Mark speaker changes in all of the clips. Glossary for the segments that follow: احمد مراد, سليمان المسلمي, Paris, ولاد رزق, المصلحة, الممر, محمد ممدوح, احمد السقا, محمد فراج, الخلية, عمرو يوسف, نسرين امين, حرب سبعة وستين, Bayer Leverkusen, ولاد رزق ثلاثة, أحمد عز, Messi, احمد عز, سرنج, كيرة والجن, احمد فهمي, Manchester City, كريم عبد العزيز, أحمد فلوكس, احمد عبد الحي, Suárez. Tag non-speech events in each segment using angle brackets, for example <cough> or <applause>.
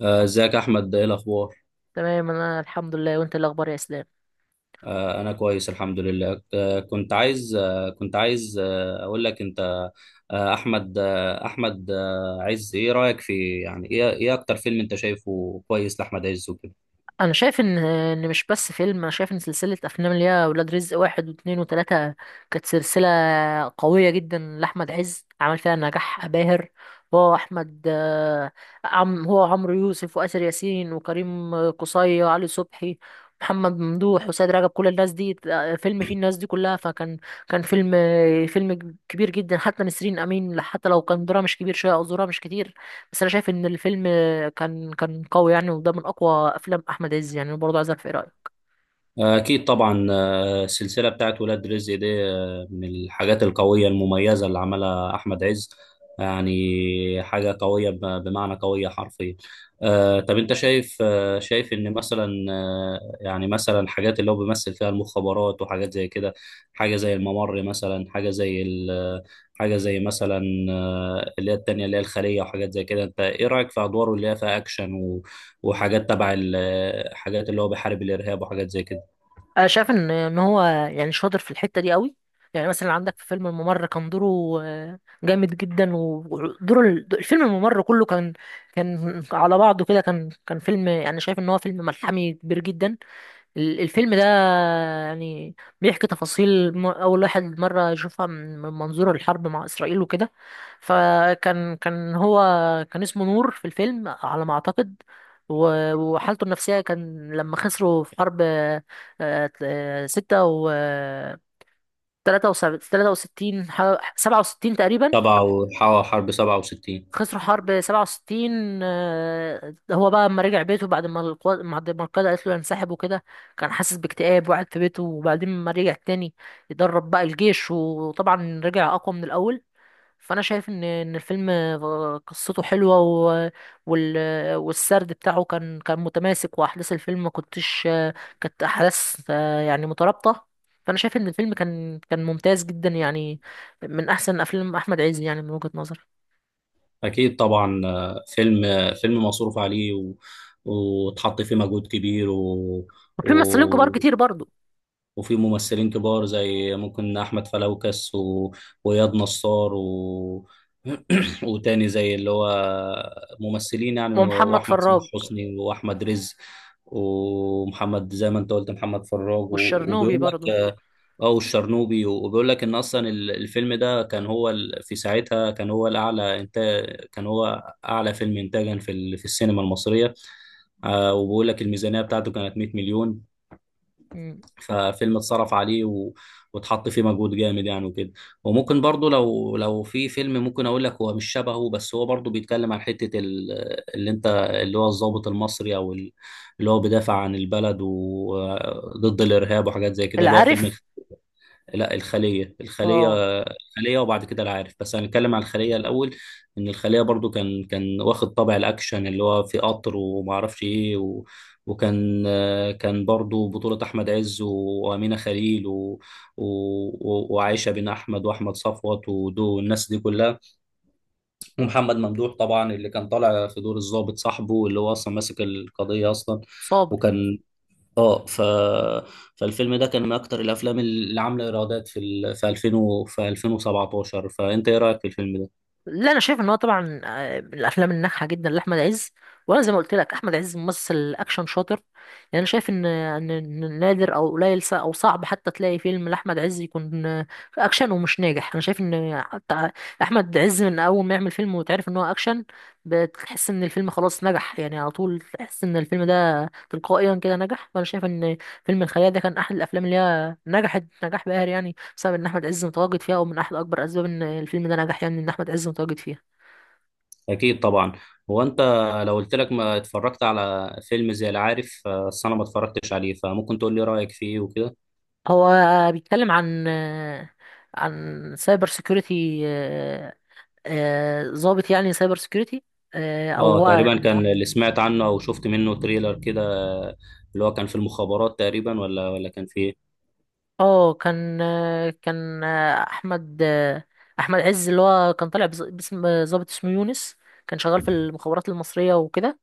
Speaker 1: ازيك يا احمد، ايه الاخبار؟
Speaker 2: تمام، انا الحمد لله. وانت إيه الاخبار يا اسلام؟
Speaker 1: انا كويس الحمد لله. كنت عايز اقول لك انت. احمد عز، ايه رايك في، يعني، ايه اكتر فيلم انت شايفه كويس لاحمد عز وكده؟
Speaker 2: انا شايف ان مش بس فيلم. انا شايف ان سلسله افلام اللي هي ولاد رزق واحد واثنين وثلاثه كانت سلسله قويه جدا لاحمد عز، عمل فيها نجاح باهر. هو احمد، آه، عم هو عمرو يوسف واسر ياسين وكريم قصي وعلي صبحي، محمد ممدوح وسيد رجب، كل الناس دي، فيلم فيه الناس دي كلها. فكان فيلم، فيلم كبير جدا. حتى نسرين امين، حتى لو كان دورها مش كبير شويه او دورها مش كتير، بس انا شايف ان الفيلم كان قوي يعني، وده من اقوى افلام احمد عز. يعني برضه عايز اعرف ايه رايك.
Speaker 1: اكيد طبعا. السلسلة بتاعت ولاد رزق دي من الحاجات القوية المميزة اللي عملها أحمد عز. يعني حاجة قوية، بمعنى قوية حرفيا. طب أنت شايف إن مثلا، يعني مثلا، حاجات اللي هو بيمثل فيها المخابرات وحاجات زي كده. حاجة زي الممر مثلا، حاجة زي مثلا اللي هي التانية، اللي هي الخلية وحاجات زي كده. أنت إيه رأيك في أدواره اللي هي فيها أكشن وحاجات تبع حاجات اللي هو بيحارب الإرهاب وحاجات زي كده؟
Speaker 2: انا شايف ان هو يعني شاطر في الحته دي قوي. يعني مثلا عندك في فيلم الممر كان دوره جامد جدا. ودور الفيلم الممر كله كان على بعضه كده. كان فيلم يعني، شايف ان هو فيلم ملحمي كبير جدا. الفيلم ده يعني بيحكي تفاصيل أول واحد مرة يشوفها من منظور الحرب مع إسرائيل وكده. فكان هو كان اسمه نور في الفيلم على ما أعتقد. وحالته النفسية كان لما خسروا في حرب، ستة و 63، 67 تقريبا.
Speaker 1: حرب سبعة وستين.
Speaker 2: خسروا حرب 67. هو بقى لما رجع بيته بعد ما القاده قالت له ينسحب وكده، كان حاسس باكتئاب وقعد في بيته. وبعدين لما رجع تاني يدرب بقى الجيش، وطبعا رجع اقوى من الاول. فانا شايف ان الفيلم قصته حلوه، وال... والسرد بتاعه كان متماسك. واحداث الفيلم ما كنتش كانت احداث يعني مترابطه. فانا شايف ان الفيلم كان ممتاز جدا يعني، من احسن افلام احمد عز يعني، من وجهة نظري.
Speaker 1: أكيد طبعا. فيلم مصروف عليه، وتحط فيه مجهود كبير،
Speaker 2: وفي ممثلين كبار
Speaker 1: و...
Speaker 2: كتير برضو.
Speaker 1: وفي ممثلين كبار زي ممكن أحمد فلوكس، وإياد نصار، <clears throat> وتاني زي اللي هو ممثلين يعني،
Speaker 2: ومحمد
Speaker 1: وأحمد صلاح
Speaker 2: فراج.
Speaker 1: حسني وأحمد رزق. ومحمد، زي ما أنت قلت، محمد فراج،
Speaker 2: والشرنوبي
Speaker 1: وبيقول لك،
Speaker 2: برضو.
Speaker 1: اه، والشرنوبي، وبيقول لك ان اصلا الفيلم ده كان هو في ساعتها كان هو الاعلى انتاج، كان هو اعلى فيلم انتاجا في في السينما المصريه. آه، وبيقول لك الميزانيه بتاعته كانت 100 مليون.
Speaker 2: مم.
Speaker 1: ففيلم اتصرف عليه، واتحط فيه مجهود جامد يعني وكده. وممكن برضو، لو في فيلم ممكن اقول لك هو مش شبهه، بس هو برضو بيتكلم عن حته ال... اللي انت اللي هو الضابط المصري، اللي هو بيدافع عن البلد وضد الارهاب وحاجات زي كده، اللي هو
Speaker 2: العارف.
Speaker 1: فيلم. لا، الخلية.
Speaker 2: اه.
Speaker 1: وبعد كده العارف، بس هنتكلم على الخلية الأول. إن الخلية برضو كان واخد طابع الأكشن، اللي هو في قطر وما أعرفش إيه، وكان كان برضو بطولة أحمد عز وأمينة خليل، و... وعائشة بن أحمد وأحمد صفوت ودو والناس دي كلها، ومحمد ممدوح طبعا، اللي كان طالع في دور الضابط صاحبه اللي هو أصلا ماسك القضية أصلا.
Speaker 2: صابر.
Speaker 1: وكان، اه، فالفيلم ده كان من اكتر الافلام اللي عامله ايرادات في في 2000 في 2017. فانت ايه رايك في الفيلم ده؟
Speaker 2: لا، انا شايف ان هو طبعا من الافلام الناجحه جدا لاحمد عز. وانا زي ما قلت لك، احمد عز ممثل اكشن شاطر. يعني انا شايف ان نادر او قليل، او صعب حتى تلاقي فيلم لاحمد عز يكون اكشن ومش ناجح. انا شايف ان حتى احمد عز من اول ما يعمل فيلم وتعرف ان هو اكشن، بتحس ان الفيلم خلاص نجح يعني. على طول تحس ان الفيلم ده تلقائيا كده نجح. فانا شايف ان فيلم الخيال ده كان احد الافلام اللي هي نجحت نجاح باهر يعني، بسبب ان احمد عز متواجد فيها. ومن احد اكبر اسباب ان الفيلم ده نجح يعني ان احمد عز متواجد فيها.
Speaker 1: اكيد طبعا. هو انت، لو قلت لك ما اتفرجت على فيلم زي العارف، بس انا ما اتفرجتش عليه، فممكن تقول لي رايك فيه وكده.
Speaker 2: هو بيتكلم عن سايبر سيكيورتي. ضابط يعني سايبر سيكيورتي. او
Speaker 1: اه،
Speaker 2: هو،
Speaker 1: تقريبا كان اللي سمعت عنه او شفت منه تريلر كده. اللي هو كان في المخابرات تقريبا، ولا كان في ايه؟
Speaker 2: اه، كان احمد عز، اللي هو كان طالع باسم ضابط اسمه يونس، كان شغال في المخابرات المصرية وكده.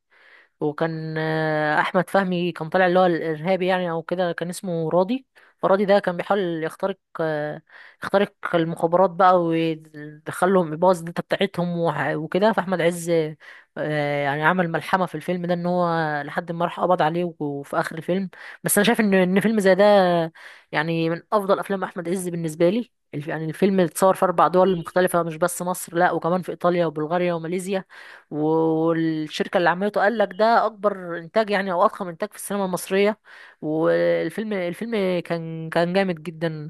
Speaker 2: وكان احمد فهمي كان طالع اللي هو الارهابي يعني، او كده كان اسمه راضي. فراضي ده كان بيحاول يخترق، يخترق المخابرات بقى ويدخلهم يبوظ الداتا بتاعتهم وكده. فاحمد عز يعني عمل ملحمه في الفيلم ده ان هو لحد ما راح قبض عليه وفي اخر الفيلم. بس انا شايف ان فيلم زي ده يعني من افضل افلام احمد عز بالنسبه لي. يعني الفيلم اتصور في اربع دول مختلفه، مش بس مصر، لا وكمان في ايطاليا وبلغاريا وماليزيا. و- والشركة اللي عملته قال لك ده أكبر إنتاج يعني، أو أضخم إنتاج في السينما المصرية. والفيلم كان جامد جدا.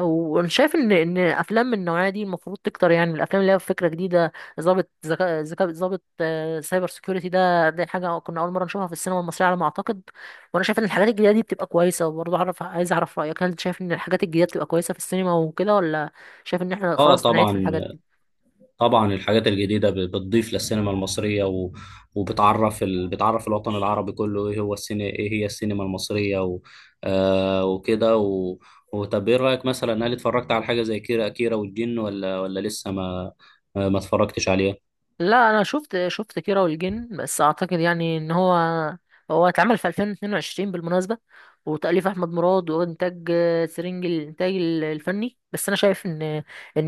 Speaker 2: وانا شايف ان افلام من النوعيه دي المفروض تكتر. يعني الافلام اللي هي فكره جديده، ظابط ذكاء ذكاء ظابط سايبر سيكيورتي ده، دي حاجه كنا اول مره نشوفها في السينما المصريه على ما اعتقد. وانا شايف ان الحاجات الجديده دي بتبقى كويسه. وبرضه عايز اعرف رايك، هل انت شايف ان الحاجات الجديده بتبقى كويسه في السينما وكده، ولا شايف ان احنا
Speaker 1: اه،
Speaker 2: خلاص نعيد في
Speaker 1: طبعا.
Speaker 2: الحاجات دي؟
Speaker 1: طبعا الحاجات الجديدة بتضيف للسينما المصرية، وبتعرف بتعرف الوطن العربي كله ايه هو السينما، ايه هي السينما المصرية، آه وكده، وطب ايه رأيك مثلا؟ هل اتفرجت على حاجة زي كيرة والجن، ولا لسه ما اتفرجتش عليها؟
Speaker 2: لا، انا شفت كيرة والجن. بس اعتقد يعني ان هو، هو اتعمل في 2022 بالمناسبة، وتأليف احمد مراد، وانتاج سرنج الانتاج الفني. بس انا شايف ان ان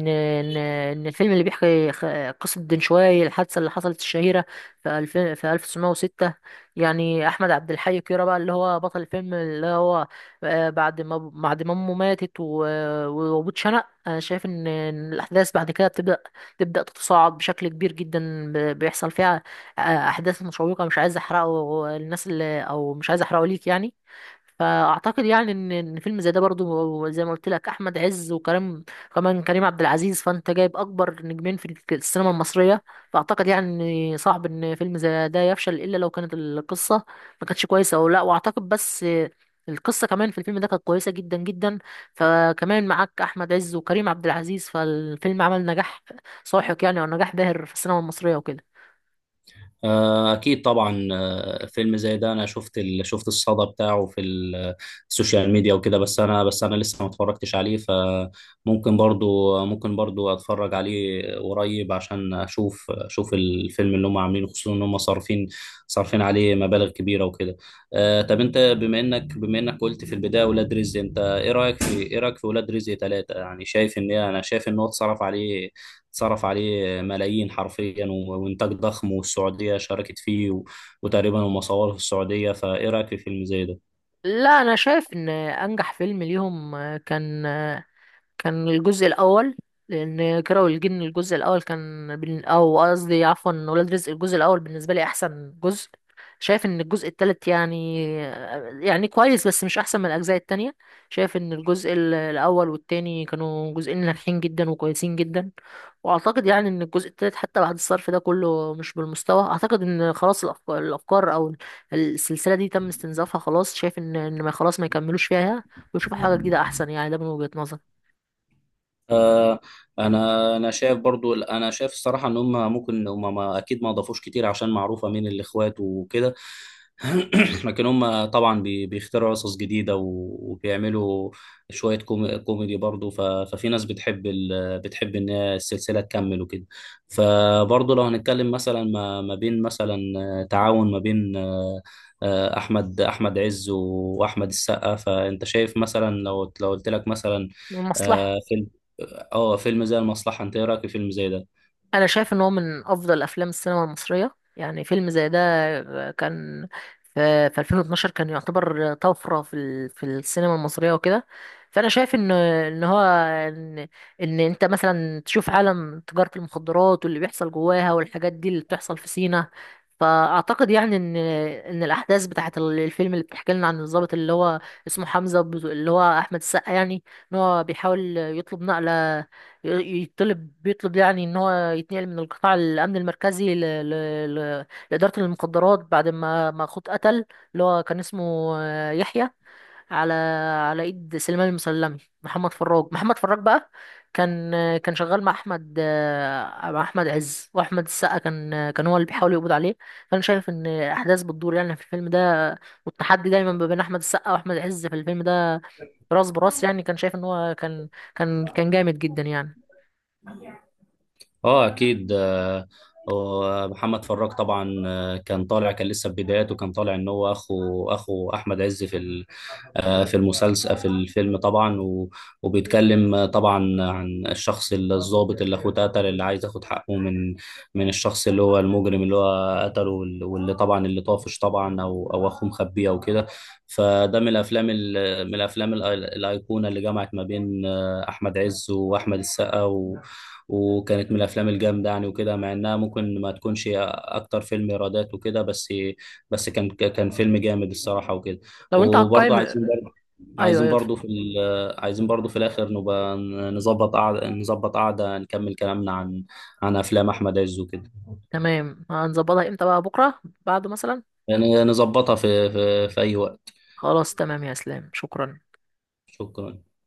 Speaker 2: ان ان الفيلم اللي بيحكي قصة دنشواي، الحادثة اللي حصلت الشهيرة في 2000، في 1906. يعني احمد عبد الحي كيرة بقى اللي هو بطل الفيلم، اللي هو بعد ما امه ماتت، وابوه اتشنق، انا شايف ان إن الاحداث بعد كده تبدأ تتصاعد بشكل كبير جدا. بيحصل فيها آه، أحداث مشوقة. مش عايز أحرقه الناس، اللي، أو مش عايز أحرقه ليك يعني. فأعتقد يعني إن فيلم زي ده برضو، زي ما قلت لك، أحمد عز وكريم، كمان كريم عبد العزيز. فأنت جايب أكبر نجمين في السينما المصرية. فأعتقد يعني إن صعب إن فيلم زي ده يفشل، إلا لو كانت القصة ما كانتش كويسة، أو لا. وأعتقد بس القصة كمان في الفيلم ده كانت كويسة جدا جدا. فكمان معاك أحمد عز وكريم عبد العزيز، فالفيلم عمل نجاح ساحق يعني، او نجاح باهر في السينما المصريه وكده.
Speaker 1: أكيد طبعا. فيلم زي ده، أنا شفت الصدى بتاعه في السوشيال ميديا وكده، بس أنا لسه ما اتفرجتش عليه. فممكن برضو، ممكن برضو أتفرج عليه قريب عشان أشوف الفيلم اللي هم عاملينه، خصوصا إن هم صارفين عليه مبالغ كبيرة وكده. طب أنت، بما إنك قلت في البداية ولاد رزق، أنت إيه رأيك في، ولاد رزق ثلاثة؟ يعني شايف، أنا شايف إن هو اتصرف عليه صرف عليه ملايين حرفيا، وإنتاج ضخم، والسعودية شاركت فيه، وتقريبا هم صوروه في السعودية. فإيه رأيك في فيلم زي ده؟
Speaker 2: لا، انا شايف ان انجح فيلم ليهم كان الجزء الاول. لان كيرة والجن الجزء الاول كان او قصدي عفوا، ولاد رزق الجزء الاول بالنسبه لي احسن جزء. شايف ان الجزء التالت يعني، يعني كويس بس مش احسن من الاجزاء التانية. شايف ان الجزء الاول والتاني كانوا جزئين ناجحين جدا وكويسين جدا. واعتقد يعني ان الجزء التالت حتى بعد الصرف ده كله مش بالمستوى. اعتقد ان خلاص الأفكار او السلسله دي تم استنزافها خلاص. شايف ان ما، خلاص ما يكملوش فيها ويشوفوا حاجه جديده احسن يعني. ده من وجهه نظري.
Speaker 1: آه، انا شايف برضو، انا شايف الصراحه ان هم ممكن، ما اكيد ما اضافوش كتير عشان معروفه مين الاخوات وكده. <clears throat> لكن هم طبعا بيخترعوا قصص جديده، وبيعملوا شويه كوميدي برضو. ففي ناس بتحب ان هي السلسله تكمل وكده. فبرضو لو هنتكلم مثلا ما بين مثلا تعاون ما بين، احمد عز واحمد السقا. فانت شايف مثلا، لو قلت لك مثلا،
Speaker 2: المصلحة.
Speaker 1: آه، فيلم اه فيلم زي المصلحة، انت ايه رأيك في فيلم زي ده؟
Speaker 2: انا شايف ان هو من افضل افلام السينما المصريه. يعني فيلم زي ده كان في 2012 كان يعتبر طفره في في السينما المصريه وكده. فانا شايف ان ان هو ان ان انت مثلا تشوف عالم تجاره المخدرات واللي بيحصل جواها، والحاجات دي اللي بتحصل في سينا. فاعتقد يعني ان الاحداث بتاعه الفيلم اللي بتحكي لنا عن الضابط، اللي هو اسمه حمزه، اللي هو احمد السقا يعني، ان هو بيحاول يطلب نقله. يطلب بيطلب يعني ان هو يتنقل من القطاع الامن المركزي ل... لاداره المخدرات، بعد ما اخوه اتقتل. اللي هو كان اسمه يحيى، على على ايد سليمان المسلمي. محمد فراج بقى كان، كان شغال مع احمد، مع احمد عز واحمد السقا. كان كان هو اللي بيحاول يقبض عليه. فانا شايف ان الاحداث بتدور يعني في الفيلم ده، والتحدي دايما ما بين احمد السقا واحمد عز في الفيلم ده راس براس يعني. كان شايف ان هو كان جامد جدا يعني.
Speaker 1: اه، اكيد. ومحمد فراج طبعا، كان طالع، كان لسه في بداياته، كان طالع ان هو اخو احمد عز في، في المسلسل، في الفيلم طبعا، وبيتكلم طبعا عن الشخص الضابط اللي اخوه اتقتل، اللي عايز ياخد حقه من، الشخص اللي هو المجرم اللي هو قتله، واللي طبعا اللي طافش طبعا، او اخوه مخبيه او كده. فده من الافلام من الافلام الايقونه اللي جمعت ما بين احمد عز واحمد السقا، وكانت من الافلام الجامده يعني وكده. مع انها ممكن ما تكونش اكتر فيلم ايرادات وكده، بس كان فيلم جامد الصراحه وكده.
Speaker 2: لو انت
Speaker 1: وبرضه
Speaker 2: هتقيم.
Speaker 1: عايزين،
Speaker 2: ايوه ايوه.
Speaker 1: عايزين برضه في الاخر نبقى نظبط قعده نكمل كلامنا عن، افلام احمد عز وكده.
Speaker 2: تمام، هنظبطها امتى بقى؟ بكره بعده مثلا.
Speaker 1: يعني نظبطها في اي وقت.
Speaker 2: خلاص، تمام يا اسلام، شكرا.
Speaker 1: شكرا.